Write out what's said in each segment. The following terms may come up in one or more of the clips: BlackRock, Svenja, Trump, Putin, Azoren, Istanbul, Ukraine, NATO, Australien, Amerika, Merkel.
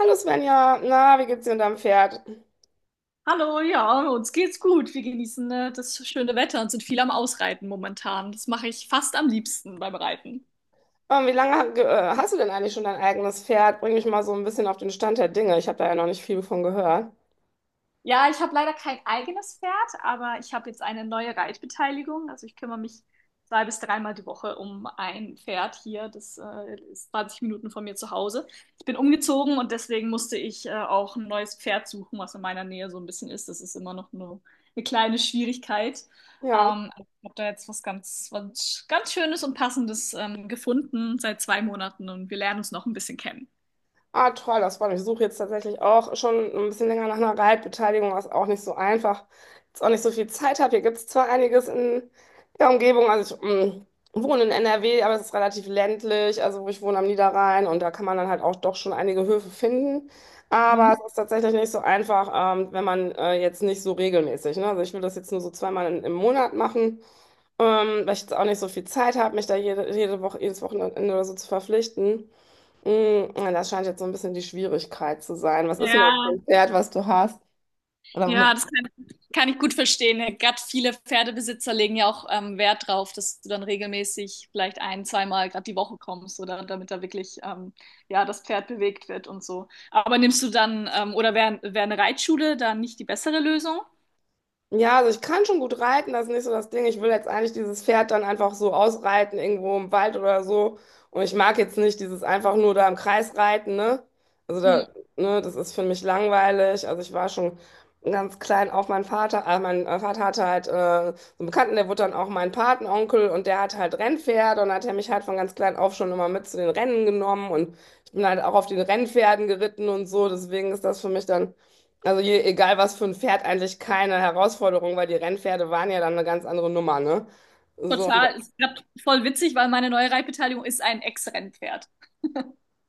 Hallo Svenja, na, wie geht's dir und deinem Pferd? Hallo, ja, uns geht's gut. Wir genießen das schöne Wetter und sind viel am Ausreiten momentan. Das mache ich fast am liebsten beim Reiten. Wie lange hast du denn eigentlich schon dein eigenes Pferd? Bring mich mal so ein bisschen auf den Stand der Dinge. Ich habe da ja noch nicht viel von gehört. Ja, ich habe leider kein eigenes Pferd, aber ich habe jetzt eine neue Reitbeteiligung. Also ich kümmere mich zwei bis dreimal die Woche um ein Pferd hier. Das ist 20 Minuten von mir zu Hause. Ich bin umgezogen und deswegen musste ich auch ein neues Pferd suchen, was in meiner Nähe so ein bisschen ist. Das ist immer noch nur eine kleine Schwierigkeit. Ja. Also ich habe da jetzt was ganz Schönes und Passendes gefunden seit zwei Monaten und wir lernen uns noch ein bisschen kennen. Ah, toll, das freut mich. Ich suche jetzt tatsächlich auch schon ein bisschen länger nach einer Reitbeteiligung, was auch nicht so einfach, jetzt auch nicht so viel Zeit habe. Hier gibt es zwar einiges in der Umgebung, also ich wohne in NRW, aber es ist relativ ländlich, also wo ich wohne am Niederrhein, und da kann man dann halt auch doch schon einige Höfe finden. Aber Mhm. es ist tatsächlich nicht so einfach, wenn man jetzt nicht so regelmäßig, ne? Also ich will das jetzt nur so zweimal im Monat machen. Weil ich jetzt auch nicht so viel Zeit habe, mich da jede Woche, jedes Wochenende oder so zu verpflichten. Mm, ja, das scheint jetzt so ein bisschen die Schwierigkeit zu sein. Was ist denn das für Ja. ein Pferd, was du hast? Oder womit? Ja, das kann ich gut verstehen. Gerade viele Pferdebesitzer legen ja auch Wert drauf, dass du dann regelmäßig vielleicht ein, zweimal gerade die Woche kommst oder damit da wirklich ja das Pferd bewegt wird und so. Aber nimmst du dann oder wär eine Reitschule dann nicht die bessere Lösung? Ja, also ich kann schon gut reiten, das ist nicht so das Ding. Ich will jetzt eigentlich dieses Pferd dann einfach so ausreiten, irgendwo im Wald oder so. Und ich mag jetzt nicht dieses einfach nur da im Kreis reiten, ne? Also Hm, da, ne, das ist für mich langweilig. Also ich war schon ganz klein auf mein Vater hatte halt so einen Bekannten, der wurde dann auch mein Patenonkel, und der hat halt Rennpferde und hat er mich halt von ganz klein auf schon immer mit zu den Rennen genommen, und ich bin halt auch auf den Rennpferden geritten und so. Deswegen ist das für mich dann. Also egal was für ein Pferd, eigentlich keine Herausforderung, weil die Rennpferde waren ja dann eine ganz andere Nummer, ne? So, und total. Es ist grad voll witzig, weil meine neue Reitbeteiligung ist ein Ex-Rennpferd.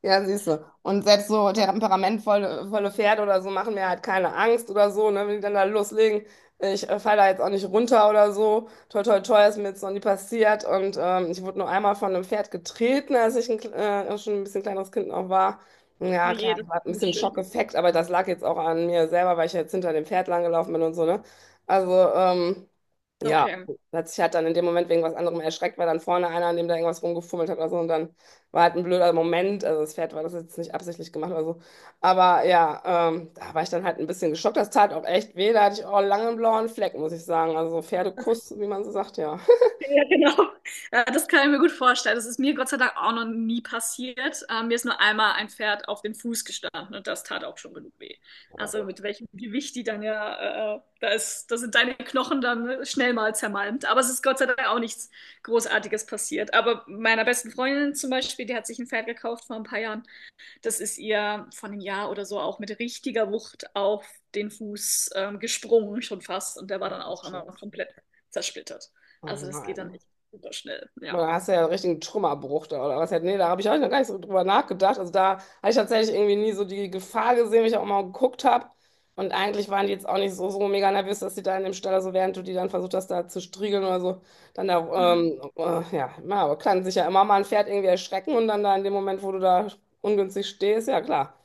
ja, siehst du. Und selbst so temperamentvolle volle Pferde oder so machen mir halt keine Angst oder so, ne? Wenn die dann da loslegen, ich falle da jetzt auch nicht runter oder so. Toi, toi, toi, ist mir jetzt noch nie passiert. Und ich wurde nur einmal von einem Pferd getreten, als ich schon ein bisschen kleineres Kind noch war. Ja, Na klar, je, das das war ein ist bisschen schön. Schockeffekt, aber das lag jetzt auch an mir selber, weil ich jetzt hinter dem Pferd langgelaufen bin und so, ne? Also, ja, Okay. hat sich halt dann in dem Moment wegen was anderem erschreckt, weil dann vorne einer, an dem da irgendwas rumgefummelt hat oder so, und dann war halt ein blöder Moment, also das Pferd war das jetzt nicht absichtlich gemacht oder so, aber ja, da war ich dann halt ein bisschen geschockt, das tat auch echt weh, da hatte ich auch lange einen blauen Fleck, muss ich sagen, also so Pferdekuss, wie man so sagt, ja. Ja, genau. Ja, das kann ich mir gut vorstellen. Das ist mir Gott sei Dank auch noch nie passiert. Mir ist nur einmal ein Pferd auf den Fuß gestanden und das tat auch schon genug weh. Also mit welchem Gewicht die dann ja, da sind deine Knochen dann ne, schnell mal zermalmt. Aber es ist Gott sei Dank auch nichts Großartiges passiert. Aber meiner besten Freundin zum Beispiel, die hat sich ein Pferd gekauft vor ein paar Jahren, das ist ihr von einem Jahr oder so auch mit richtiger Wucht auf den Fuß gesprungen, schon fast. Und der war Ach dann du auch einmal Scheiße, komplett zersplittert. oh Also das geht dann nein. echt super schnell, ja. Boah, da hast du ja einen richtigen Trümmerbruch da oder was halt. Nee, da habe ich auch noch gar nicht so drüber nachgedacht. Also da habe ich tatsächlich irgendwie nie so die Gefahr gesehen, wenn ich auch mal geguckt habe. Und eigentlich waren die jetzt auch nicht so, so mega nervös, dass die da in dem Stall, also während du die dann versucht hast, da zu striegeln oder so, dann da, Mhm. Ja, na, aber kann sich ja immer mal ein Pferd irgendwie erschrecken und dann da in dem Moment, wo du da ungünstig stehst, ja klar. Ja.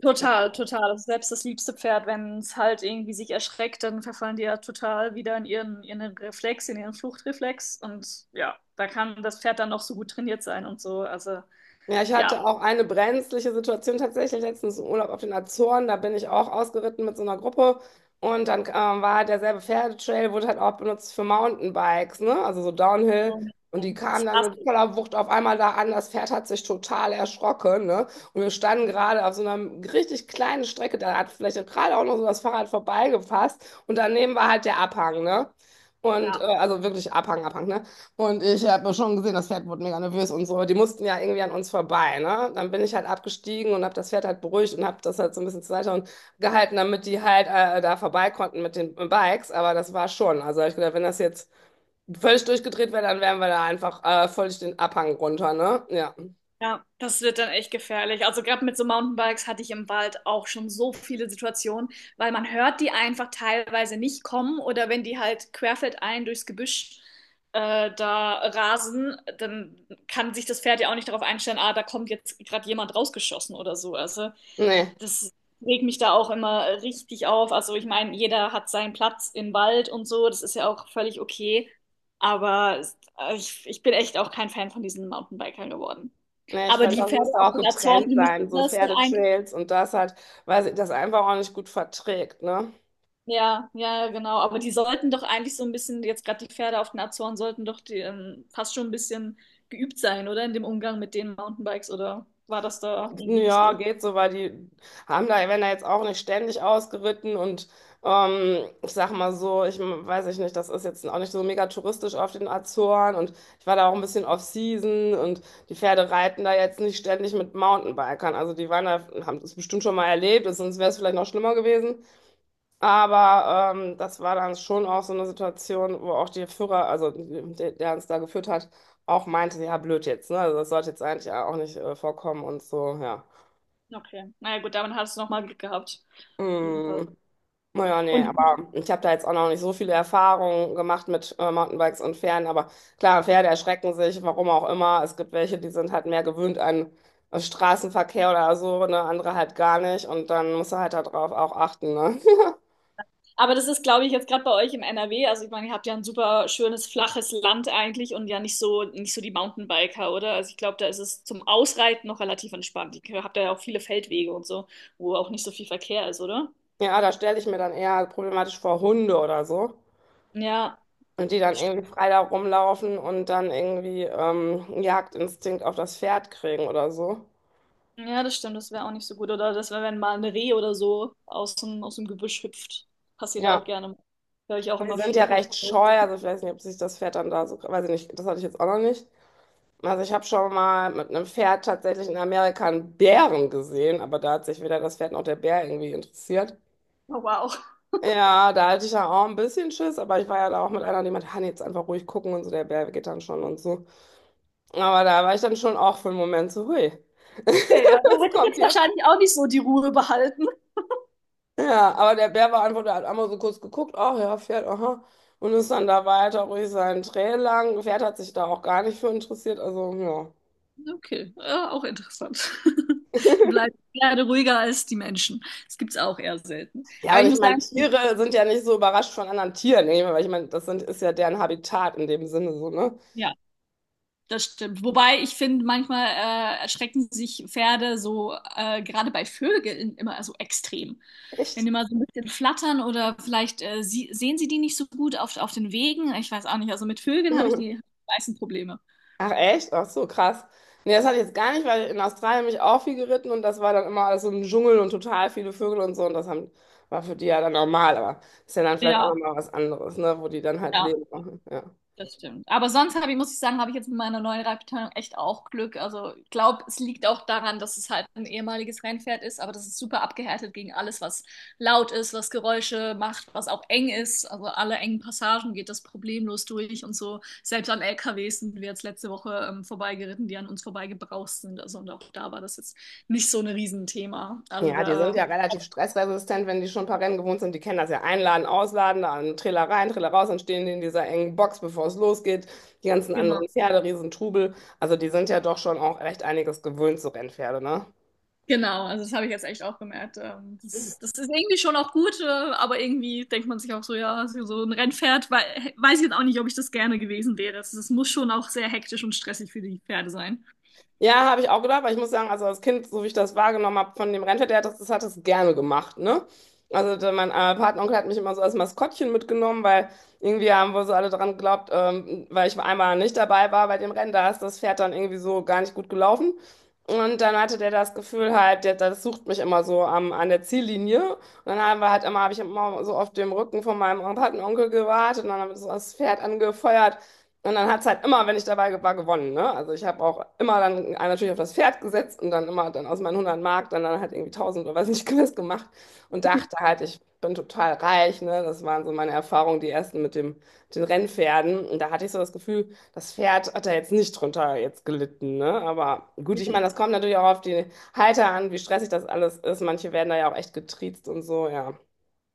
Total, total. Also selbst das liebste Pferd, wenn es halt irgendwie sich erschreckt, dann verfallen die ja total wieder in ihren Reflex, in ihren Fluchtreflex. Und ja, da kann das Pferd dann noch so gut trainiert sein und so. Also Ja, ich ja. hatte auch eine brenzliche Situation tatsächlich letztens im Urlaub auf den Azoren. Da bin ich auch ausgeritten mit so einer Gruppe. Und dann war halt derselbe Pferdetrail, wurde halt auch benutzt für Mountainbikes, ne? Also so Downhill. Mhm. Und die kamen dann mit voller Wucht auf einmal da an. Das Pferd hat sich total erschrocken, ne? Und wir standen gerade auf so einer richtig kleinen Strecke. Da hat vielleicht gerade auch noch so das Fahrrad vorbeigepasst. Und daneben war halt der Abhang, ne? Und Ja. also wirklich Abhang, Abhang, ne? Und ich habe schon gesehen, das Pferd wurde mega nervös und so. Die mussten ja irgendwie an uns vorbei, ne? Dann bin ich halt abgestiegen und habe das Pferd halt beruhigt und habe das halt so ein bisschen zur Seite und gehalten, damit die halt da vorbei konnten mit den Bikes. Aber das war schon. Also hab ich gedacht, wenn das jetzt völlig durchgedreht wäre, dann wären wir da einfach völlig den Abhang runter, ne? Ja. Ja, das wird dann echt gefährlich. Also gerade mit so Mountainbikes hatte ich im Wald auch schon so viele Situationen, weil man hört die einfach teilweise nicht kommen oder wenn die halt querfeldein durchs Gebüsch da rasen, dann kann sich das Pferd ja auch nicht darauf einstellen, ah, da kommt jetzt gerade jemand rausgeschossen oder so. Also Nee. das regt mich da auch immer richtig auf. Also ich meine, jeder hat seinen Platz im Wald und so, das ist ja auch völlig okay. Aber ich bin echt auch kein Fan von diesen Mountainbikern geworden. Nee, ich Aber finde, die das Pferde müsste auf auch den Azoren, getrennt die müssen sein, so das ja eigentlich. Pferdetrails und das halt, weil sie das einfach auch nicht gut verträgt, ne? Ja, ja, genau. Aber die sollten doch eigentlich so ein bisschen, jetzt gerade die Pferde auf den Azoren sollten doch die, fast schon ein bisschen geübt sein, oder? In dem Umgang mit den Mountainbikes, oder war das da irgendwie nicht Ja, so? geht so, weil die haben da, werden da jetzt auch nicht ständig ausgeritten, und ich sag mal so, weiß ich nicht, das ist jetzt auch nicht so mega touristisch auf den Azoren, und ich war da auch ein bisschen off-season, und die Pferde reiten da jetzt nicht ständig mit Mountainbikern. Also die waren da, haben das bestimmt schon mal erlebt, sonst wäre es vielleicht noch schlimmer gewesen. Aber das war dann schon auch so eine Situation, wo auch der Führer, also der, der uns da geführt hat, auch meinte, ja, blöd jetzt, ne? Also das sollte jetzt eigentlich auch nicht vorkommen und so, ja. Okay. Naja, gut, damit hast du nochmal Glück gehabt. Jedenfalls. Mm, naja, nee, Und aber ich habe da jetzt auch noch nicht so viele Erfahrungen gemacht mit Mountainbikes und Pferden. Aber klar, Pferde erschrecken sich, warum auch immer. Es gibt welche, die sind halt mehr gewöhnt an Straßenverkehr oder so, ne? Andere halt gar nicht. Und dann musst du halt darauf auch achten, ne? Aber das ist, glaube ich, jetzt gerade bei euch im NRW. Also ich meine, ihr habt ja ein super schönes, flaches Land eigentlich und ja nicht so, nicht so die Mountainbiker, oder? Also ich glaube, da ist es zum Ausreiten noch relativ entspannt. Ihr habt ja auch viele Feldwege und so, wo auch nicht so viel Verkehr ist, oder? Ja, da stelle ich mir dann eher problematisch vor Hunde oder so. Ja, Und die dann irgendwie stimmt. frei da rumlaufen und dann irgendwie Jagdinstinkt auf das Pferd kriegen oder so. Ja, das stimmt. Das wäre auch nicht so gut. Oder das wäre, wenn mal ein Reh oder so aus dem Gebüsch hüpft. Passiert ja auch Ja. gerne. Höre ich auch Und die immer sind ja viele Horror. recht Oh, scheu, also ich weiß nicht, ob sich das Pferd dann da so, weiß ich nicht, das hatte ich jetzt auch noch nicht. Also ich habe schon mal mit einem Pferd tatsächlich in Amerika einen Bären gesehen, aber da hat sich weder das Pferd noch der Bär irgendwie interessiert. wow. Ja, da hatte ich ja auch ein bisschen Schiss, aber ich war ja da auch mit einer, die meinte, Hanni, jetzt einfach ruhig gucken und so, der Bär geht dann schon und so. Aber da war ich dann schon auch für einen Moment so, hui, Okay, ja. Da was hätte ich kommt jetzt hier? wahrscheinlich auch nicht so die Ruhe behalten. Ja, aber der Bär beantwortet, hat einmal so kurz geguckt, ach ja, Pferd, aha. Und ist dann da weiter ruhig seinen Trail lang. Pferd hat sich da auch gar nicht für interessiert, also ja. Okay, ja, auch interessant. Du bleibst gerne ruhiger als die Menschen. Das gibt es auch eher selten. Ja, Aber und ich ich muss meine, sagen, Tiere sind ja nicht so überrascht von anderen Tieren, ne? Weil ich meine, das sind, ist ja deren Habitat in dem Sinne so, ne? ja, das stimmt. Wobei ich finde, manchmal erschrecken sich Pferde so, gerade bei Vögeln, immer so extrem. Wenn Echt? die mal so ein bisschen flattern oder vielleicht sehen sie die nicht so gut auf den Wegen. Ich weiß auch nicht. Also mit Vögeln habe ich die meisten Probleme. Ach, echt? Ach so, krass. Nee, das hatte ich jetzt gar nicht, weil in Australien bin ich auch viel geritten, und das war dann immer alles so ein Dschungel und total viele Vögel und so, und das haben, war für die ja dann normal, aber ist ja dann vielleicht auch Ja, nochmal was anderes, ne? Wo die dann halt ja. leben. Ja. Das stimmt. Aber sonst habe ich, muss ich sagen, habe ich jetzt mit meiner neuen Reitbeteiligung echt auch Glück. Also ich glaube, es liegt auch daran, dass es halt ein ehemaliges Rennpferd ist, aber das ist super abgehärtet gegen alles, was laut ist, was Geräusche macht, was auch eng ist. Also alle engen Passagen geht das problemlos durch und so. Selbst an LKWs sind wir jetzt letzte Woche vorbeigeritten, die an uns vorbeigebraust sind. Also und auch da war das jetzt nicht so ein Riesenthema. Also Ja, die sind da, ja relativ stressresistent, wenn die schon ein paar Rennen gewohnt sind. Die kennen das ja, einladen, ausladen, dann Trailer rein, Trailer raus, dann stehen die in dieser engen Box, bevor es losgeht. Die ganzen genau. anderen Pferde, Riesentrubel. Also die sind ja doch schon auch recht einiges gewöhnt, so Rennpferde, ne? Genau, also das habe ich jetzt echt auch gemerkt. Das ist irgendwie schon auch gut, aber irgendwie denkt man sich auch so, ja, so ein Rennpferd, weiß ich jetzt auch nicht, ob ich das gerne gewesen wäre. Es muss schon auch sehr hektisch und stressig für die Pferde sein. Ja, habe ich auch gedacht, weil ich muss sagen, also als Kind, so wie ich das wahrgenommen habe von dem Rentner, der hat das, das hat es gerne gemacht, ne? Also der, mein Patenonkel hat mich immer so als Maskottchen mitgenommen, weil irgendwie haben wohl so alle dran geglaubt, weil ich einmal nicht dabei war bei dem Rennen, da ist das Pferd dann irgendwie so gar nicht gut gelaufen. Und dann hatte der das Gefühl halt, der, das sucht mich immer so am, an der Ziellinie. Und dann haben wir halt immer, habe ich immer so auf dem Rücken von meinem Patenonkel gewartet, und dann haben wir so das Pferd angefeuert. Und dann hat es halt immer, wenn ich dabei war, gewonnen, ne? Also ich habe auch immer dann natürlich auf das Pferd gesetzt und dann immer dann aus meinen 100 Mark dann halt irgendwie 1000 oder weiß nicht, Quiz gemacht und dachte halt, ich bin total reich, ne? Das waren so meine Erfahrungen, die ersten mit dem, mit den Rennpferden. Und da hatte ich so das Gefühl, das Pferd hat da jetzt nicht drunter jetzt gelitten, ne? Aber gut, ich meine, Ja. das kommt natürlich auch auf die Halter an, wie stressig das alles ist. Manche werden da ja auch echt getriezt und so, ja.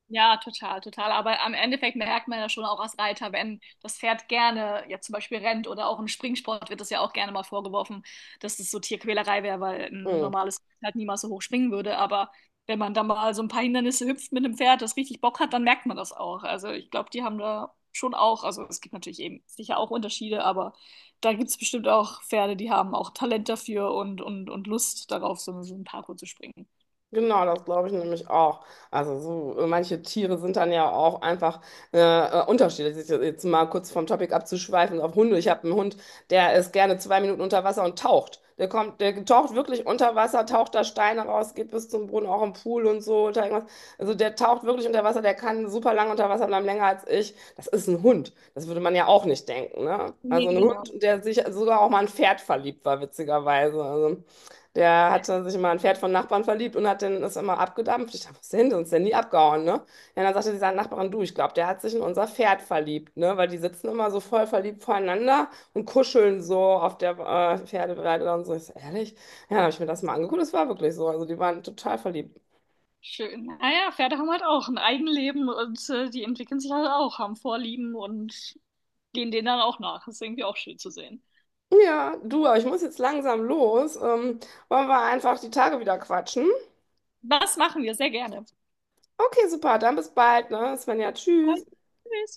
Ja, total, total. Aber am Endeffekt merkt man ja schon auch als Reiter, wenn das Pferd gerne ja zum Beispiel rennt oder auch im Springsport wird das ja auch gerne mal vorgeworfen, dass das so Tierquälerei wäre, weil ein Hm. normales Pferd halt niemals so hoch springen würde. Aber wenn man dann mal so ein paar Hindernisse hüpft mit einem Pferd, das richtig Bock hat, dann merkt man das auch. Also ich glaube, die haben da schon auch, also es gibt natürlich eben sicher auch Unterschiede, aber da gibt es bestimmt auch Pferde, die haben auch Talent dafür und Lust darauf, so einen Parkour zu springen. Genau, das glaube ich nämlich auch. Also so manche Tiere sind dann ja auch einfach unterschiedlich. Jetzt mal kurz vom Topic abzuschweifen auf Hunde. Ich habe einen Hund, der ist gerne 2 Minuten unter Wasser und taucht. Der kommt, der taucht wirklich unter Wasser, taucht da Steine raus, geht bis zum Boden, auch im Pool und so oder irgendwas. Also der taucht wirklich unter Wasser, der kann super lange unter Wasser bleiben, länger als ich. Das ist ein Hund. Das würde man ja auch nicht denken, ne? Nee, Also ein genau. Hund, der sich sogar auch mal in ein Pferd verliebt war, witzigerweise. Also, der hatte sich immer in ein Pferd von Nachbarn verliebt und hat den, ist immer abgedampft. Ich dachte, was ist denn? Sonst ist nie abgehauen, ne? Ja, dann sagte dieser Nachbarin, du, ich glaube, der hat sich in unser Pferd verliebt, ne? Weil die sitzen immer so voll verliebt voreinander und kuscheln so auf der Pferdeweide und so. Ich so, ehrlich? Ja, dann habe ich mir das mal angeguckt. Das war wirklich so. Also die waren total verliebt. Schön. Naja, Pferde haben halt auch ein Eigenleben und die entwickeln sich halt auch, haben Vorlieben und gehen denen dann auch nach. Das ist irgendwie auch schön zu sehen. Ja, du, aber ich muss jetzt langsam los. Wollen wir einfach die Tage wieder quatschen? Das machen wir sehr gerne. Okay, super. Dann bis bald, ne? Svenja, tschüss. Tschüss.